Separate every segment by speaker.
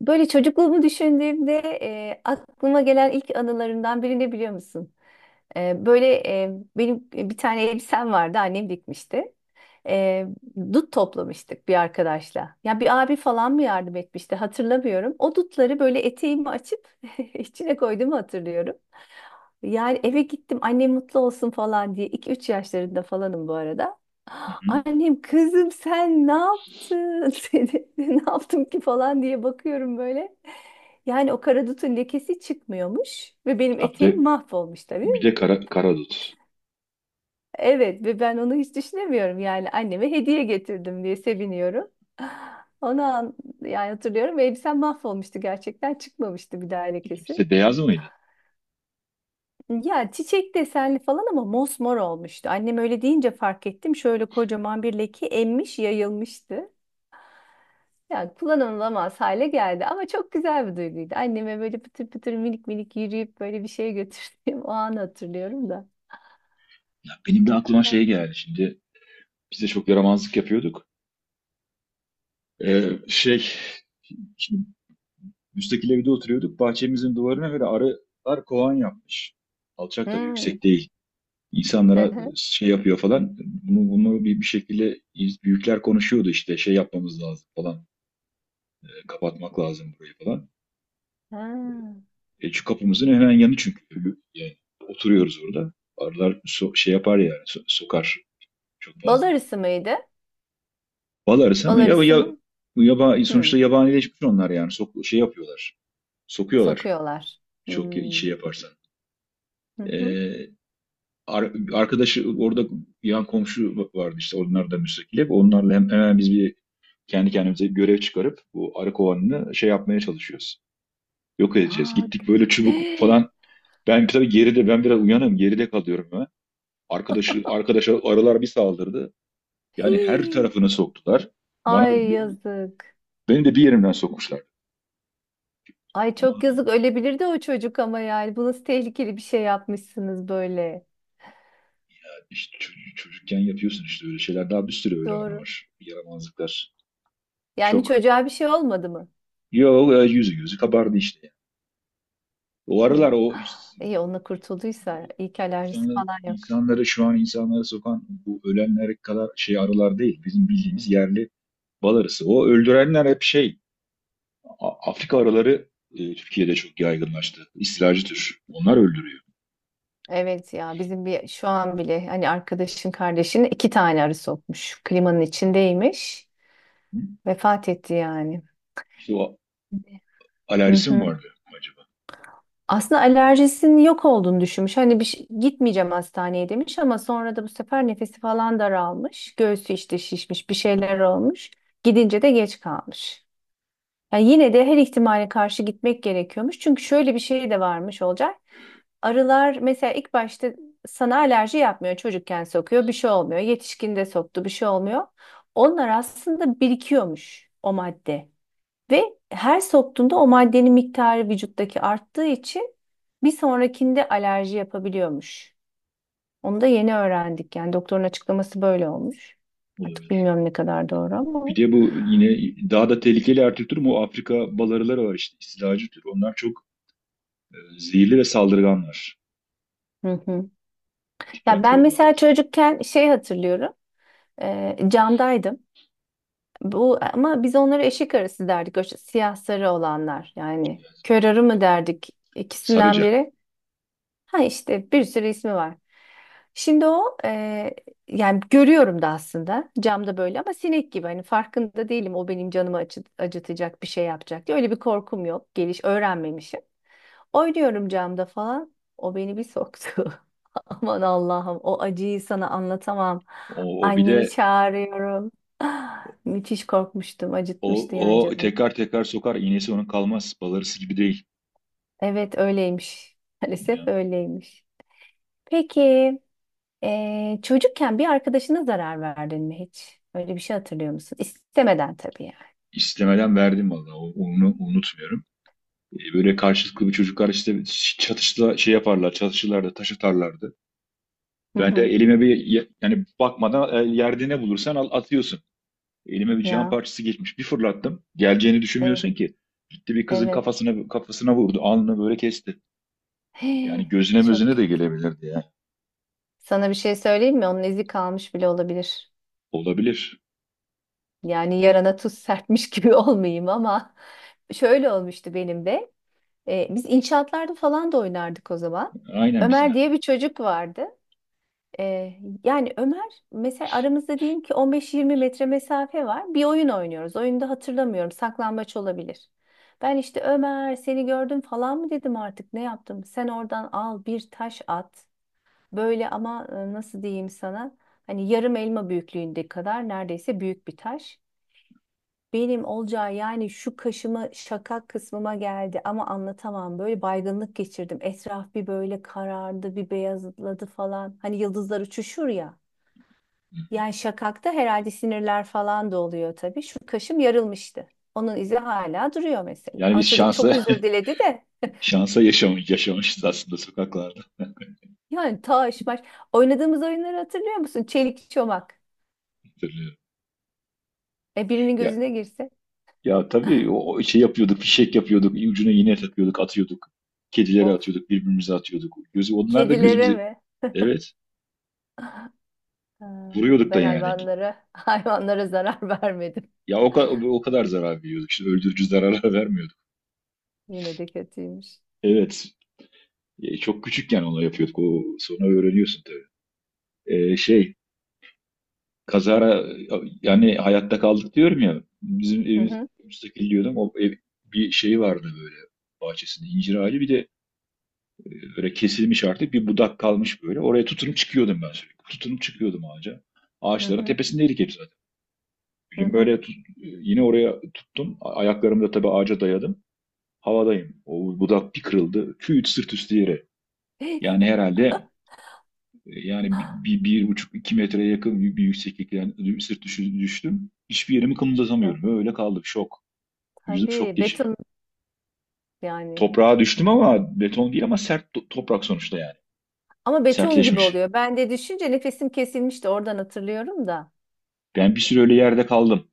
Speaker 1: Böyle çocukluğumu düşündüğümde aklıma gelen ilk anılarımdan biri ne biliyor musun? Böyle e, benim bir tane elbisem vardı, annem dikmişti. E, Dut toplamıştık bir arkadaşla. Ya bir abi falan mı yardım etmişti, hatırlamıyorum. O dutları böyle eteğimi açıp içine koyduğumu hatırlıyorum. Yani eve gittim, annem mutlu olsun falan diye. 2-3 yaşlarında falanım bu arada.
Speaker 2: Hı.
Speaker 1: Annem, kızım sen ne yaptın? Seni ne yaptım ki falan diye bakıyorum böyle. Yani o karadutun lekesi çıkmıyormuş ve benim
Speaker 2: Ha, bir de
Speaker 1: eteğim mahvolmuş tabii.
Speaker 2: bir de karadut.
Speaker 1: Evet, ve ben onu hiç düşünemiyorum, yani anneme hediye getirdim diye seviniyorum. Onu an, Yani hatırlıyorum ve elbisem mahvolmuştu, gerçekten çıkmamıştı bir daha lekesi.
Speaker 2: İkisi de beyaz mıydı?
Speaker 1: Ya çiçek desenli falan ama mosmor olmuştu. Annem öyle deyince fark ettim. Şöyle kocaman bir leke emmiş, yayılmıştı. Yani kullanılamaz hale geldi ama çok güzel bir duyguydu. Anneme böyle pıtır pıtır, minik minik yürüyüp böyle bir şey götürdüğüm o anı hatırlıyorum da.
Speaker 2: Ya benim de aklıma şey geldi şimdi. Biz de çok yaramazlık yapıyorduk. Ee, şey Şimdi müstakil evde oturuyorduk. Bahçemizin duvarına böyle arılar kovan yapmış. Alçak tabii,
Speaker 1: Hmm.
Speaker 2: yüksek değil. İnsanlara şey yapıyor falan. Bunu bir şekilde büyükler konuşuyordu işte, şey yapmamız lazım falan. Kapatmak lazım burayı falan.
Speaker 1: Ha.
Speaker 2: Şu kapımızın hemen yanı çünkü. Yani oturuyoruz orada. Arılar şey yapar yani, sokar. Çok
Speaker 1: Bal
Speaker 2: fazla.
Speaker 1: arısı mıydı?
Speaker 2: Bal arısı
Speaker 1: Bal
Speaker 2: ama
Speaker 1: arısı mı? Hmm.
Speaker 2: sonuçta yabanileşmiş onlar yani. Sok, şey yapıyorlar. Sokuyorlar.
Speaker 1: Sokuyorlar.
Speaker 2: Çok şey
Speaker 1: Hmm.
Speaker 2: yaparsan.
Speaker 1: Hı hı.
Speaker 2: Ee, Arkadaşı orada, yan komşu vardı işte. Onlar da müstakil hep. Onlarla hemen biz bir kendi kendimize bir görev çıkarıp bu arı kovanını şey yapmaya çalışıyoruz. Yok edeceğiz.
Speaker 1: Aa,
Speaker 2: Gittik böyle çubuk falan. Ben tabii geride, ben biraz uyanım. Geride kalıyorum ben. Arkadaşa arılar bir saldırdı. Yani her
Speaker 1: Hii.
Speaker 2: tarafını soktular. Bana
Speaker 1: Ay,
Speaker 2: beni,
Speaker 1: yazık.
Speaker 2: beni de bir yerimden sokmuşlar.
Speaker 1: Ay,
Speaker 2: Onu
Speaker 1: çok
Speaker 2: da
Speaker 1: yazık, ölebilirdi o çocuk. Ama yani bu nasıl tehlikeli bir şey yapmışsınız böyle.
Speaker 2: işte çocukken yapıyorsun işte, öyle şeyler. Daha bir sürü öyle anı
Speaker 1: Doğru.
Speaker 2: var. Yaramazlıklar.
Speaker 1: Yani
Speaker 2: Çok.
Speaker 1: çocuğa bir şey olmadı mı?
Speaker 2: Yok, yüzü gözü kabardı işte, yani. O
Speaker 1: Hı.
Speaker 2: aralar
Speaker 1: Ah, İyi onunla
Speaker 2: bu
Speaker 1: kurtulduysa, iyi ki alerjisi falan yok.
Speaker 2: insanları, şu an insanları sokan bu ölenler kadar şey arılar değil. Bizim bildiğimiz yerli bal arısı. O öldürenler hep şey, Afrika arıları Türkiye'de çok yaygınlaştı. İstilacı tür. Onlar öldürüyor.
Speaker 1: Evet, ya bizim bir şu an bile hani arkadaşın kardeşinin iki tane arı sokmuş. Klimanın içindeymiş.
Speaker 2: Hı?
Speaker 1: Vefat etti yani.
Speaker 2: İşte o,
Speaker 1: Hı
Speaker 2: alerjisi mi
Speaker 1: hı.
Speaker 2: vardı acaba?
Speaker 1: Aslında alerjisinin yok olduğunu düşünmüş. Hani gitmeyeceğim hastaneye demiş ama sonra da bu sefer nefesi falan daralmış. Göğsü işte şişmiş, bir şeyler olmuş. Gidince de geç kalmış. Yani yine de her ihtimale karşı gitmek gerekiyormuş. Çünkü şöyle bir şey de varmış olacak. Arılar mesela ilk başta sana alerji yapmıyor. Çocukken sokuyor, bir şey olmuyor. Yetişkinde soktu, bir şey olmuyor. Onlar aslında birikiyormuş, o madde. Ve her soktuğunda o maddenin miktarı vücuttaki arttığı için bir sonrakinde alerji yapabiliyormuş. Onu da yeni öğrendik. Yani doktorun açıklaması böyle olmuş. Artık bilmiyorum ne kadar doğru ama.
Speaker 2: Bir de bu yine daha da tehlikeli her türlü tür mu? Afrika balarıları var işte, istilacı tür. Onlar çok zehirli ve saldırganlar.
Speaker 1: Hı hı. Ya
Speaker 2: Dikkatli
Speaker 1: ben
Speaker 2: olmak
Speaker 1: mesela
Speaker 2: lazım.
Speaker 1: çocukken şey hatırlıyorum. Camdaydım. Bu ama biz onlara eşek arısı derdik. O işte siyah sarı olanlar. Yani kör arı mı derdik? İkisinden
Speaker 2: Sarıca.
Speaker 1: biri. Ha, işte bir sürü ismi var. Şimdi o yani görüyorum da aslında camda böyle, ama sinek gibi hani, farkında değilim o benim canımı acıtacak bir şey yapacak diye, öyle bir korkum yok. Geliş öğrenmemişim. Oynuyorum camda falan. O beni bir soktu. Aman Allah'ım, o acıyı sana anlatamam.
Speaker 2: O bir
Speaker 1: Annemi
Speaker 2: de
Speaker 1: çağırıyorum. Ah, müthiş korkmuştum, acıtmıştı yani
Speaker 2: o, o
Speaker 1: canımı.
Speaker 2: tekrar tekrar sokar. İğnesi onun kalmaz. Balarısı gibi değil.
Speaker 1: Evet, öyleymiş. Maalesef
Speaker 2: Ya,
Speaker 1: öyleymiş. Peki. Çocukken bir arkadaşına zarar verdin mi hiç? Öyle bir şey hatırlıyor musun? İstemeden tabii, yani.
Speaker 2: istemeden verdim vallahi. Onu unutmuyorum. Böyle karşılıklı bir çocuklar işte çatışla şey yaparlar. Çatışırlardı, taş atarlardı.
Speaker 1: Hı
Speaker 2: Ben de
Speaker 1: hı.
Speaker 2: elime bir yani bakmadan, yerde ne bulursan al, atıyorsun. Elime bir cam
Speaker 1: Ya,
Speaker 2: parçası geçmiş. Bir fırlattım. Geleceğini
Speaker 1: e,
Speaker 2: düşünmüyorsun ki. Gitti, bir kızın
Speaker 1: evet.
Speaker 2: kafasına vurdu. Alnını böyle kesti. Yani
Speaker 1: Hii,
Speaker 2: gözüne
Speaker 1: çok
Speaker 2: mözüne de
Speaker 1: kötü.
Speaker 2: gelebilirdi ya.
Speaker 1: Sana bir şey söyleyeyim mi? Onun izi kalmış bile olabilir.
Speaker 2: Olabilir.
Speaker 1: Yani yarana tuz serpmiş gibi olmayayım ama şöyle olmuştu benim de. Biz inşaatlarda falan da oynardık o zaman.
Speaker 2: Aynen biz de.
Speaker 1: Ömer diye bir çocuk vardı. Ee, Yani Ömer mesela aramızda diyelim ki 15-20 metre mesafe var. Bir oyun oynuyoruz. Oyunda hatırlamıyorum. Saklambaç olabilir. Ben işte Ömer seni gördüm falan mı dedim, artık ne yaptım? Sen oradan al bir taş at. Böyle ama nasıl diyeyim sana? Hani yarım elma büyüklüğünde kadar neredeyse, büyük bir taş. Benim olacağı yani şu kaşıma, şakak kısmıma geldi, ama anlatamam. Böyle baygınlık geçirdim. Etraf bir böyle karardı, bir beyazladı falan. Hani yıldızlar uçuşur ya. Yani şakakta herhalde sinirler falan da oluyor tabii. Şu kaşım yarılmıştı. Onun izi hala duruyor mesela.
Speaker 2: Yani
Speaker 1: Ama
Speaker 2: biz
Speaker 1: çocuk çok
Speaker 2: şansa
Speaker 1: özür diledi de.
Speaker 2: şansa yaşamışız aslında sokaklarda.
Speaker 1: Yani taş maş. Oynadığımız oyunları hatırlıyor musun? Çelik çomak.
Speaker 2: Hatırlıyorum.
Speaker 1: E, birinin
Speaker 2: Ya
Speaker 1: gözüne girse.
Speaker 2: ya tabii, o şey yapıyorduk, fişek yapıyorduk, ucuna iğne takıyorduk, atıyorduk. Kedilere
Speaker 1: Of.
Speaker 2: atıyorduk, birbirimize atıyorduk. Gözü, onlar da
Speaker 1: Kedilere
Speaker 2: gözümüze,
Speaker 1: mi?
Speaker 2: evet,
Speaker 1: Ha,
Speaker 2: vuruyorduk da
Speaker 1: ben
Speaker 2: yani.
Speaker 1: hayvanlara, hayvanlara zarar vermedim.
Speaker 2: Ya o, o kadar zarar veriyorduk. İşte öldürücü zararlar vermiyorduk.
Speaker 1: Yine de kötüymüş.
Speaker 2: Evet. Çok küçükken onu yapıyorduk. O sonra öğreniyorsun tabii. Şey, kazara, yani hayatta kaldık diyorum ya. Bizim
Speaker 1: Hı
Speaker 2: evimiz
Speaker 1: hı,
Speaker 2: müstakil diyordum. O ev, bir şeyi vardı böyle, bahçesinde incir ağacı, bir de e, böyle kesilmiş artık bir budak kalmış böyle. Oraya tutunup çıkıyordum ben sürekli. Tutunup çıkıyordum ağaca.
Speaker 1: hı
Speaker 2: Ağaçların
Speaker 1: hı,
Speaker 2: tepesindeydik hep zaten. Bir
Speaker 1: hı
Speaker 2: gün
Speaker 1: hı.
Speaker 2: böyle yine oraya tuttum. Ayaklarımı da tabii ağaca dayadım. Havadayım. O budak bir kırıldı. Küt, sırt üstü yere. Yani herhalde, yani bir buçuk iki metreye yakın bir yükseklikten sırt düştüm. Hiçbir yerimi
Speaker 1: Ya,
Speaker 2: kımıldatamıyorum. Öyle kaldım. Şok. Vücudum
Speaker 1: tabii,
Speaker 2: şok geçiriyor.
Speaker 1: beton yani.
Speaker 2: Toprağa düştüm ama beton değil, ama sert toprak sonuçta yani.
Speaker 1: Ama beton gibi
Speaker 2: Sertleşmiş.
Speaker 1: oluyor. Ben de düşünce nefesim kesilmişti. Oradan hatırlıyorum da.
Speaker 2: Ben bir süre öyle yerde kaldım.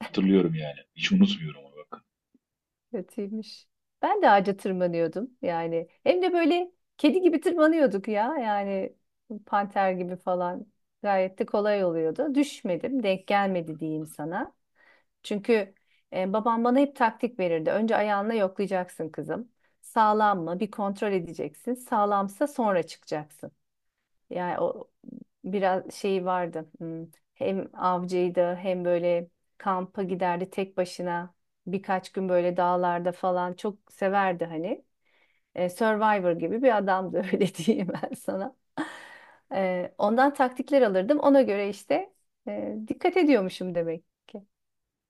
Speaker 2: Hatırlıyorum yani. Hiç unutmuyorum onu, bak.
Speaker 1: Kötüymüş. Ben de ağaca tırmanıyordum yani. Hem de böyle kedi gibi tırmanıyorduk ya yani, panter gibi falan. Gayet de kolay oluyordu. Düşmedim, denk gelmedi diyeyim sana. Çünkü babam bana hep taktik verirdi. Önce ayağınla yoklayacaksın kızım. Sağlam mı? Bir kontrol edeceksin. Sağlamsa sonra çıkacaksın. Yani o biraz şey vardı. Hem avcıydı, hem böyle kampa giderdi tek başına. Birkaç gün böyle dağlarda falan, çok severdi hani. Survivor gibi bir adamdı, öyle diyeyim ben sana. Ondan taktikler alırdım. Ona göre işte dikkat ediyormuşum demek ki.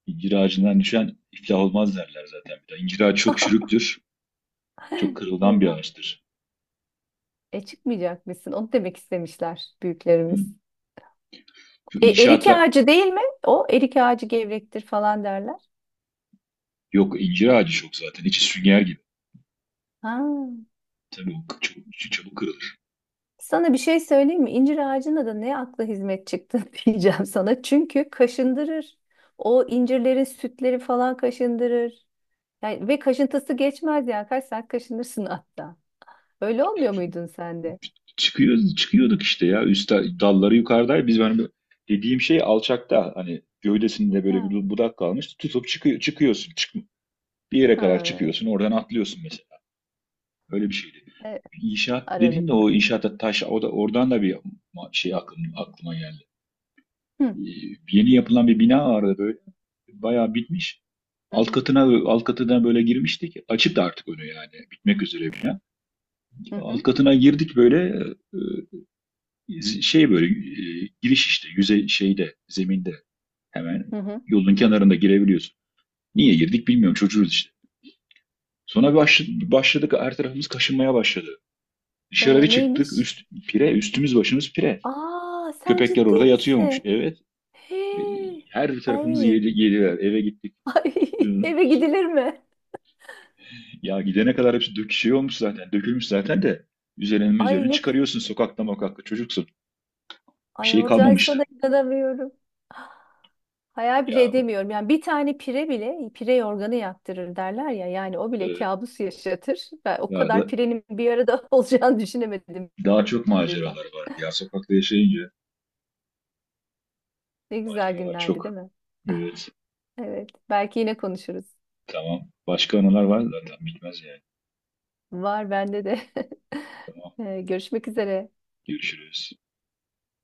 Speaker 2: İncir ağacından düşen iflah olmaz derler zaten bir de. İncir ağacı çok çürüktür. Çok kırılgan bir
Speaker 1: Eyvah.
Speaker 2: ağaçtır.
Speaker 1: E, çıkmayacak mısın? Onu demek istemişler
Speaker 2: Hı.
Speaker 1: büyüklerimiz.
Speaker 2: Şu
Speaker 1: Erik
Speaker 2: inşaatla
Speaker 1: ağacı değil mi? O erik ağacı gevrektir falan derler.
Speaker 2: Yok, incir ağacı çok zaten. İçi sünger gibi.
Speaker 1: Ha.
Speaker 2: Tabii o çok, çok çabuk kırılır.
Speaker 1: Sana bir şey söyleyeyim mi? İncir ağacına da ne akla hizmet çıktı diyeceğim sana. Çünkü kaşındırır. O incirlerin sütleri falan kaşındırır. Yani, ve kaşıntısı geçmez yani. Kaç saat kaşınırsın hatta. Öyle olmuyor muydun sen de?
Speaker 2: Çıkıyorduk işte ya. Üst dalları yukarıdaydı. Biz, benim dediğim şey alçakta, hani gövdesinde böyle
Speaker 1: Ha.
Speaker 2: bir budak kalmış. Tutup çıkıyorsun. Bir yere kadar
Speaker 1: Ha.
Speaker 2: çıkıyorsun. Oradan atlıyorsun mesela. Öyle bir şeydi.
Speaker 1: Evet,
Speaker 2: İnşaat dedin de,
Speaker 1: aranızda.
Speaker 2: o inşaatta taş, o da oradan da bir şey aklıma geldi.
Speaker 1: Hı.
Speaker 2: Ee, Yeni yapılan bir bina vardı böyle. Bayağı bitmiş.
Speaker 1: Hı
Speaker 2: Alt
Speaker 1: hı.
Speaker 2: katına alt katına böyle girmiştik. Açıktı artık önü yani. Bitmek üzere bina.
Speaker 1: Hı hı.
Speaker 2: Alt katına girdik böyle. Ee, Şey böyle, giriş işte yüzey şeyde, zeminde, hemen
Speaker 1: Hı hı.
Speaker 2: yolun kenarında girebiliyorsun. Niye girdik bilmiyorum, çocuğuz işte. Sonra başladık, her tarafımız kaşınmaya başladı. Dışarı bir çıktık.
Speaker 1: Neymiş?
Speaker 2: Pire, üstümüz başımız pire.
Speaker 1: Aa, sen
Speaker 2: Köpekler
Speaker 1: ciddi
Speaker 2: orada
Speaker 1: misin?
Speaker 2: yatıyormuş. Evet. E,
Speaker 1: Hey.
Speaker 2: Her tarafımızı
Speaker 1: Ay.
Speaker 2: yediler. Eve gittik.
Speaker 1: Ay. Eve gidilir mi?
Speaker 2: Ya gidene kadar hepsi şey olmuş zaten. Dökülmüş zaten de. Üzerine
Speaker 1: Ay
Speaker 2: üzerine
Speaker 1: ne
Speaker 2: çıkarıyorsun, sokakta mokakta çocuksun. Bir
Speaker 1: Ay,
Speaker 2: şey
Speaker 1: Olcay, sana
Speaker 2: kalmamıştı.
Speaker 1: inanamıyorum. Hayal bile
Speaker 2: Ya
Speaker 1: edemiyorum. Yani bir tane pire bile pire yorganı yaktırır derler ya. Yani o bile
Speaker 2: e,
Speaker 1: kabus yaşatır. Ben o
Speaker 2: Ya
Speaker 1: kadar
Speaker 2: da
Speaker 1: pirenin bir arada olacağını düşünemedim
Speaker 2: daha çok
Speaker 1: birden.
Speaker 2: maceralar vardı ya. Sokakta yaşayınca
Speaker 1: Ne güzel
Speaker 2: maceralar
Speaker 1: günlerdi değil
Speaker 2: çok.
Speaker 1: mi?
Speaker 2: Evet.
Speaker 1: Evet. Belki yine konuşuruz.
Speaker 2: Tamam. Başka anılar var zaten, bitmez yani.
Speaker 1: Var bende de.
Speaker 2: Tamam.
Speaker 1: Görüşmek üzere.
Speaker 2: Görüşürüz.